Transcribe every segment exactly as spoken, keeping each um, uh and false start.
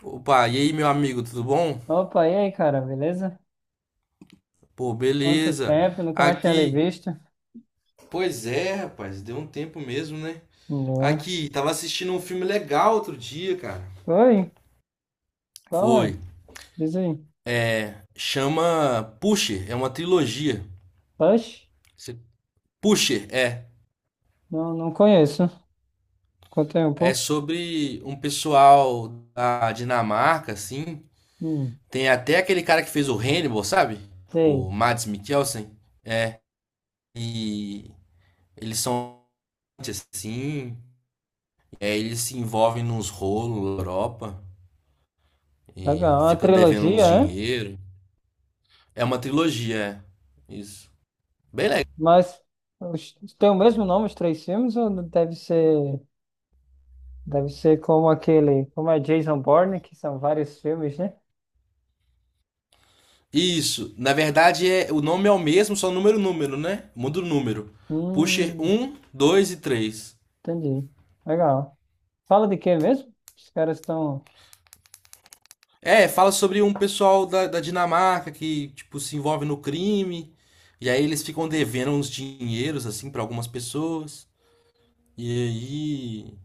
Opa, e aí, meu amigo, tudo bom? Opa, e aí, cara, beleza? Pô, Quanto beleza. tempo, nunca mais tinha lhe Aqui. visto. Pois é, rapaz, deu um tempo mesmo, né? Né? Aqui, tava assistindo um filme legal outro dia, cara. Oi, qual é? Foi. Diz aí. Chama Pusher, é uma trilogia. Push? Você- Pusher, é. Não, não conheço. Conta aí um É pouco. sobre um pessoal da Dinamarca, assim. Hum, Tem até aquele cara que fez o Hannibal, sabe? O sei. Mads Mikkelsen. E eles são assim. É, eles se envolvem nos rolos na Europa. E Legal, é uma ficam devendo trilogia, uns é? dinheiro. É uma trilogia, é. Isso. Bem legal. Mas os- tem o mesmo nome, os três filmes, ou deve ser, deve ser como aquele, como é Jason Bourne, que são vários filmes, né? Isso. Na verdade, é, o nome é o mesmo, só número número, né? Muda o número. Pusher Hum, um dois e três. entendi. Legal. Fala de quê mesmo? Os caras estão. É, fala sobre um pessoal da, da Dinamarca que, tipo, se envolve no crime. E aí eles ficam devendo uns dinheiros, assim, pra algumas pessoas. E aí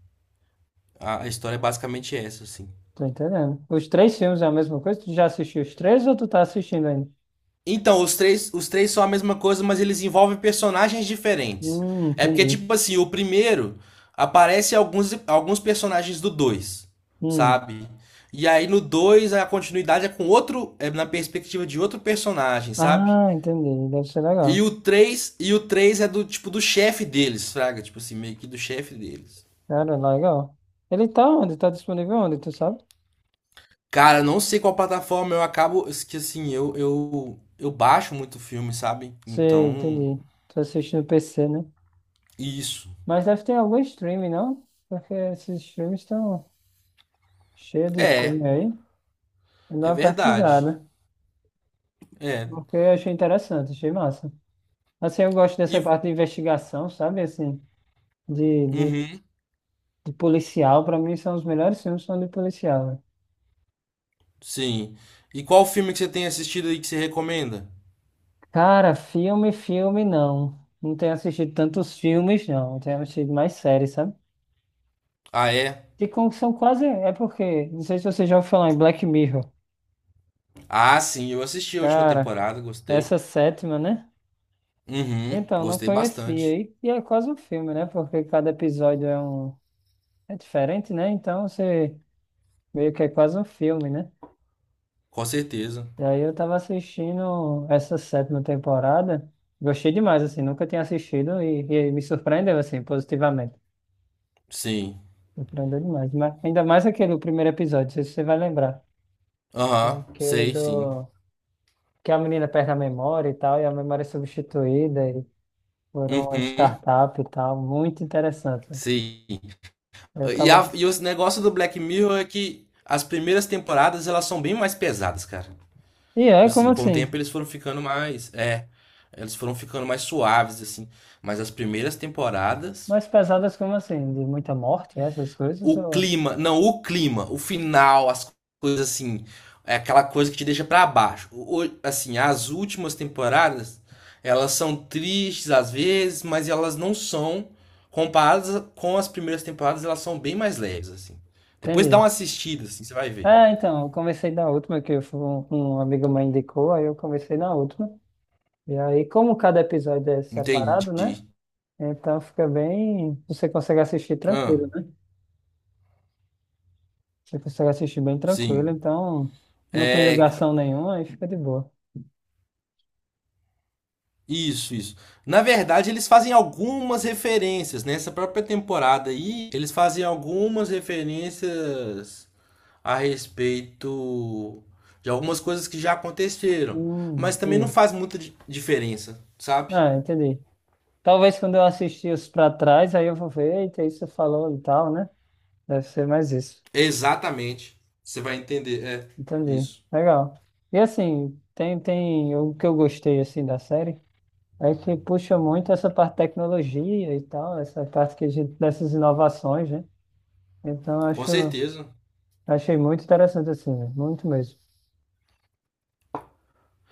a, a história é basicamente essa, assim. Tô entendendo. Os três filmes é a mesma coisa? Tu já assistiu os três ou tu tá assistindo ainda? Então, os três, os três são a mesma coisa, mas eles envolvem personagens diferentes. Hum, É porque, entendi. tipo assim, o primeiro aparece alguns, alguns personagens do dois, Hum. sabe? E aí no dois a continuidade é com outro, é na perspectiva de outro personagem, sabe? Ah, entendi. Deve ser E legal. o três e o três é do tipo do chefe deles, fraga, tipo assim, meio que do chefe deles. Cara, legal. Ele tá onde? Tá disponível onde, tu sabe? Cara, não sei qual plataforma eu acabo, que assim, eu eu eu baixo muito filme, sabe? Sei, Então, entendi. Tô assistindo P C, né? isso. Mas deve ter algum streaming, não? Porque esses filmes estão cheios de É, filme aí. Eu dou é uma verdade. pesquisada. É. Porque eu achei interessante, achei massa. Assim, eu gosto dessa E. parte de investigação, sabe? Assim, de, de Uhum, De policial, pra mim, são os melhores filmes são de policial, né? sim. E qual filme que você tem assistido aí que você recomenda? Cara, filme, filme, não. Não tenho assistido tantos filmes, não. Tenho assistido mais séries, sabe? Ah, é? E como que são quase. É porque. Não sei se você já ouviu falar em Black Mirror. Ah, sim, eu assisti a última Cara, temporada, gostei. essa sétima, né? Uhum, Então, não gostei conhecia. bastante. E, e é quase um filme, né? Porque cada episódio é um. É diferente, né? Então, você. Meio que é quase um filme, né? Com certeza. E aí eu tava assistindo essa sétima temporada. Gostei demais, assim, nunca tinha assistido e, e me surpreendeu, assim, positivamente. Sim. Surpreendeu demais. Mas ainda mais aquele primeiro episódio, não sei se você vai lembrar. É Aham, aquele sei, sim. do que a menina perde a memória e tal, e a memória é substituída e por uma Uhum, startup e tal. Muito interessante. sim. Eu E, a, tava. e o negócio do Black Mirror é que as primeiras temporadas elas são bem mais pesadas, cara. E Tipo é, como assim, com o assim? tempo eles foram ficando mais. É. Eles foram ficando mais suaves, assim. Mas as primeiras temporadas. Mais pesadas como assim? De muita morte, essas coisas? O Ou. clima, não, O clima, o final, as coisas assim, é aquela coisa que te deixa pra baixo. O- o- assim, as últimas temporadas, elas são tristes às vezes, mas elas não são comparadas a- com as primeiras temporadas, elas são bem mais leves assim. Depois dá Entendi. uma assistida assim, você vai ver. Ah, então, eu comecei na última, que eu fui- um, um amigo meu indicou, aí eu comecei na última. E aí, como cada episódio é separado, né? Entendi. Então fica bem. Você consegue assistir Ah, tranquilo, né? Você consegue assistir bem tranquilo, sim. então não tem É, ca- ligação nenhuma, aí fica de boa. isso, isso. Na verdade, eles fazem algumas referências nessa própria temporada aí, eles fazem algumas referências a respeito de algumas coisas que já aconteceram, mas Hum, também não entendi. faz muita di- diferença, sabe? Ah, entendi. Talvez quando eu assistir os pra trás, aí eu vou ver, eita, isso falou e tal, né? Deve ser mais isso. Exatamente. Você vai entender, é Entendi. isso. Legal. E assim, tem, tem o que eu gostei assim da série. Aí que puxa muito essa parte de tecnologia e tal, essa parte que a gente, dessas inovações, né? Então, Com acho, certeza. achei muito interessante, assim, né? Muito mesmo.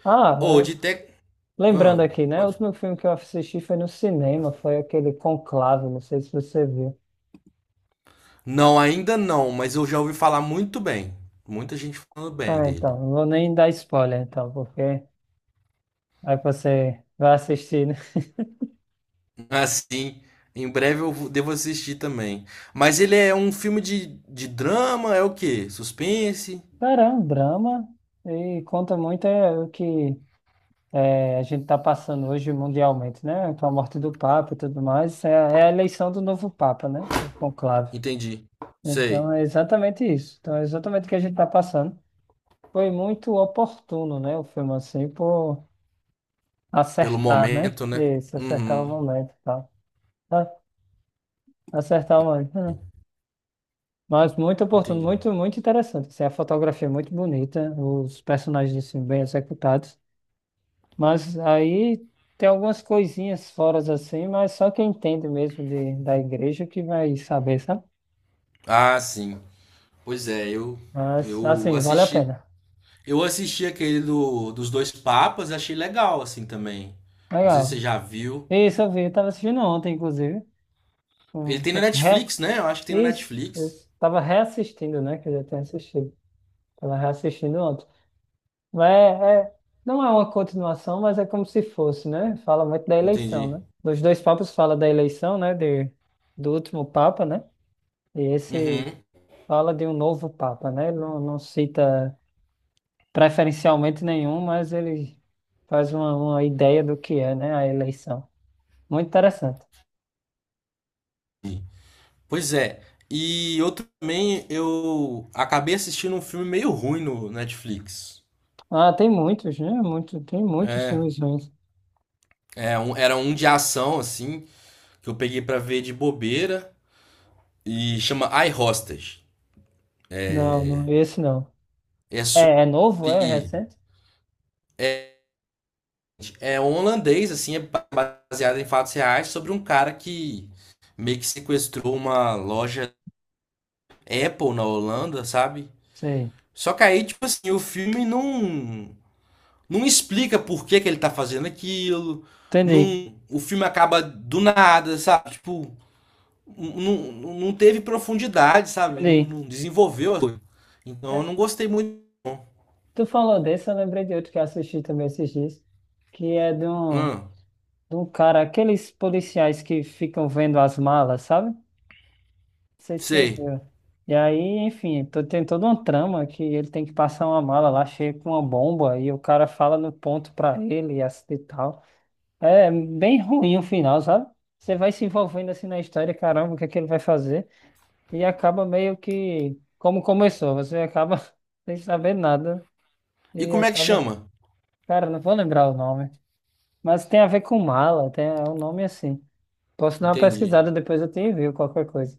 Ah, Ou de é, tec, ah, lembrando aqui, né? O pode. último filme que eu assisti foi no cinema, foi aquele Conclave, não sei se você viu. Não, ainda não, mas eu já ouvi falar muito bem. Muita gente falando bem Ah, dele. então, não vou nem dar spoiler, então, porque aí você vai assistir, né? Assim, em breve eu vou- devo assistir também. Mas ele é um filme de, de drama, é o quê? Suspense? Cara, é um drama e conta muito, é, o que é, a gente está passando hoje mundialmente, né? Com a morte do Papa e tudo mais, é, é a eleição do novo Papa, né? O conclave. Entendi. Sei. Então, é exatamente isso. Então, é exatamente o que a gente está passando. Foi muito oportuno, né? O filme, assim, por Pelo acertar, né? momento, né? Isso, acertar o Uhum. momento e tal. Ah, acertar o momento. Hum. Mas muito oportuno, Entendi. muito, muito interessante. Assim, a fotografia é muito bonita, os personagens, assim, bem executados. Mas aí tem algumas coisinhas fora assim, mas só quem entende mesmo de, da igreja que vai saber, sabe? Ah, sim. Pois é, eu Mas eu assim, vale a assisti, pena. eu assisti aquele do, dos dois papas, achei legal assim também. Não sei se você Legal. já viu. Isso, eu vi, eu tava assistindo ontem, inclusive. Ele Um, tem no re, Netflix, né? Eu acho que tem no isso, Netflix. isso. Tava reassistindo, né? Que eu já tinha assistido. Tava reassistindo ontem. Mas é, é- não é uma continuação, mas é como se fosse, né? Fala muito da eleição, Entendi. né? Nos dois papas fala da eleição, né? De, do último papa, né? E esse Uhum. fala de um novo Papa, né? Ele não, não cita preferencialmente nenhum, mas ele faz uma, uma ideia do que é, né, a eleição. Muito interessante. Pois é. E eu também eu acabei assistindo um filme meio ruim no Netflix. Ah, tem muitos, né? Muito, tem muitos É, filmes ruins. é um- era um de ação assim, que eu peguei pra ver de bobeira e chama I Hostage. Não, não, esse não. É sobre É, é novo? É recente? é um holandês assim, é baseada em fatos reais sobre um cara que meio que sequestrou uma loja Apple na Holanda, sabe? Sei. Só que aí, tipo assim, o filme não não explica por que que ele tá fazendo aquilo. Entendi, Não, o filme acaba do nada, sabe? Tipo, não, não teve profundidade, sabe? Não, entendi. não desenvolveu a coisa. Então eu É, não gostei muito. tu falou desse, eu lembrei de outro que eu assisti também esses dias, que é de um, Hum, de um cara, aqueles policiais que ficam vendo as malas, sabe? Sei se você sei. viu. E aí, enfim, to- tem toda uma trama que ele tem que passar uma mala lá cheia com uma bomba e o cara fala no ponto pra ele e assim e tal. É bem ruim o final, sabe? Você vai se envolvendo assim na história, caramba, o que é que ele vai fazer? E acaba meio que como começou, você acaba sem saber nada E e como é que acaba. chama? Cara, não vou lembrar o nome, mas tem a ver com mala, tem é um nome assim. Posso dar uma Entendi. pesquisada depois eu te envio qualquer coisa.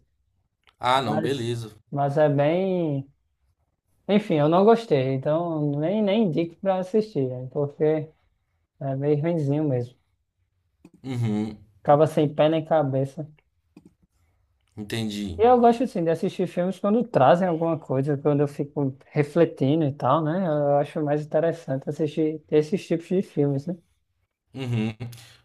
Ah, não, Mas, beleza. mas é bem. Enfim, eu não gostei, então nem, nem indico pra assistir, né, porque é meio ruinzinho mesmo. Uhum, Acaba sem pé nem cabeça. entendi. E eu gosto, assim, de assistir filmes quando trazem alguma coisa, quando eu fico refletindo e tal, né? Eu acho mais interessante assistir esses tipos de filmes, né? Uhum.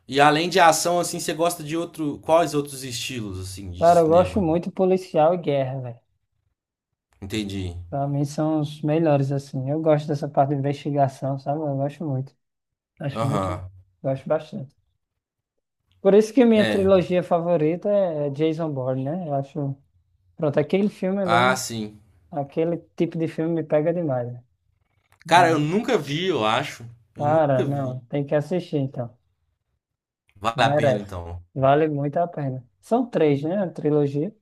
E além de ação, assim, você gosta de outro. Quais outros estilos, assim, de Cara, eu gosto cinema? muito policial e guerra, velho. Entendi. Pra mim são os melhores, assim. Eu gosto dessa parte de investigação, sabe? Eu gosto muito. Acho muito. Aham. Gosto bastante. Por isso que minha É. trilogia favorita é Jason Bourne, né? Eu acho. Pronto, aquele filme Ah, ali, sim. aquele tipo de filme me pega demais, né? Cara, eu Aí, nunca vi, eu acho. Eu nunca cara, vi. não, tem que assistir então. Vale a pena, Merece. então. Vale muito a pena. São três, né? A trilogia.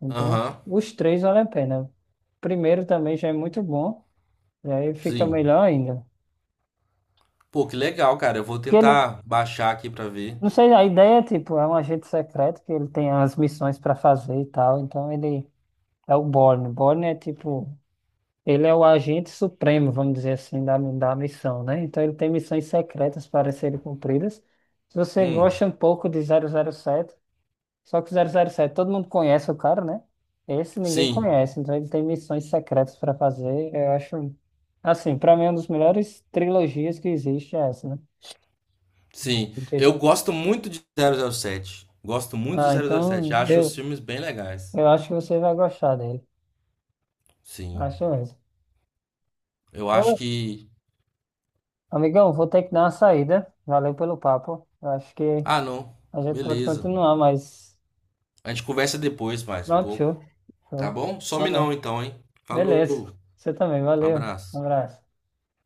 Então, Aham. os três valem a pena. O primeiro também já é muito bom. E aí fica Sim. melhor ainda. Pô, que legal, cara. Eu vou Que ele, tentar baixar aqui pra ver. não sei, a ideia é tipo, é um agente secreto que ele tem as missões para fazer e tal. Então ele é o Bourne. Bourne é tipo, ele é o agente supremo, vamos dizer assim, da, da missão, né? Então ele tem missões secretas para serem cumpridas. Se você Hum. gosta um pouco de zero zero sete, só que o zero zero sete, todo mundo conhece o cara, né? Esse ninguém Sim. conhece, então ele tem missões secretas para fazer. Eu acho, assim, para mim, uma das melhores trilogias que existe é essa, né? Sim. Do Eu Jason. gosto muito de zero zero sete. Gosto muito de Ah, zero zero sete. então Acho os eu, filmes bem legais. eu acho que você vai gostar dele. Sim. Acho mesmo. Eu acho Ô, que. amigão, vou ter que dar uma saída. Valeu pelo papo. Eu acho que Ah, não. a gente pode Beleza. continuar, mas A gente conversa depois mais um pronto, pouco, show. tá Show. bom? Some não Valeu. então, hein? Beleza. Falou, Você também, um valeu. Um abraço. abraço.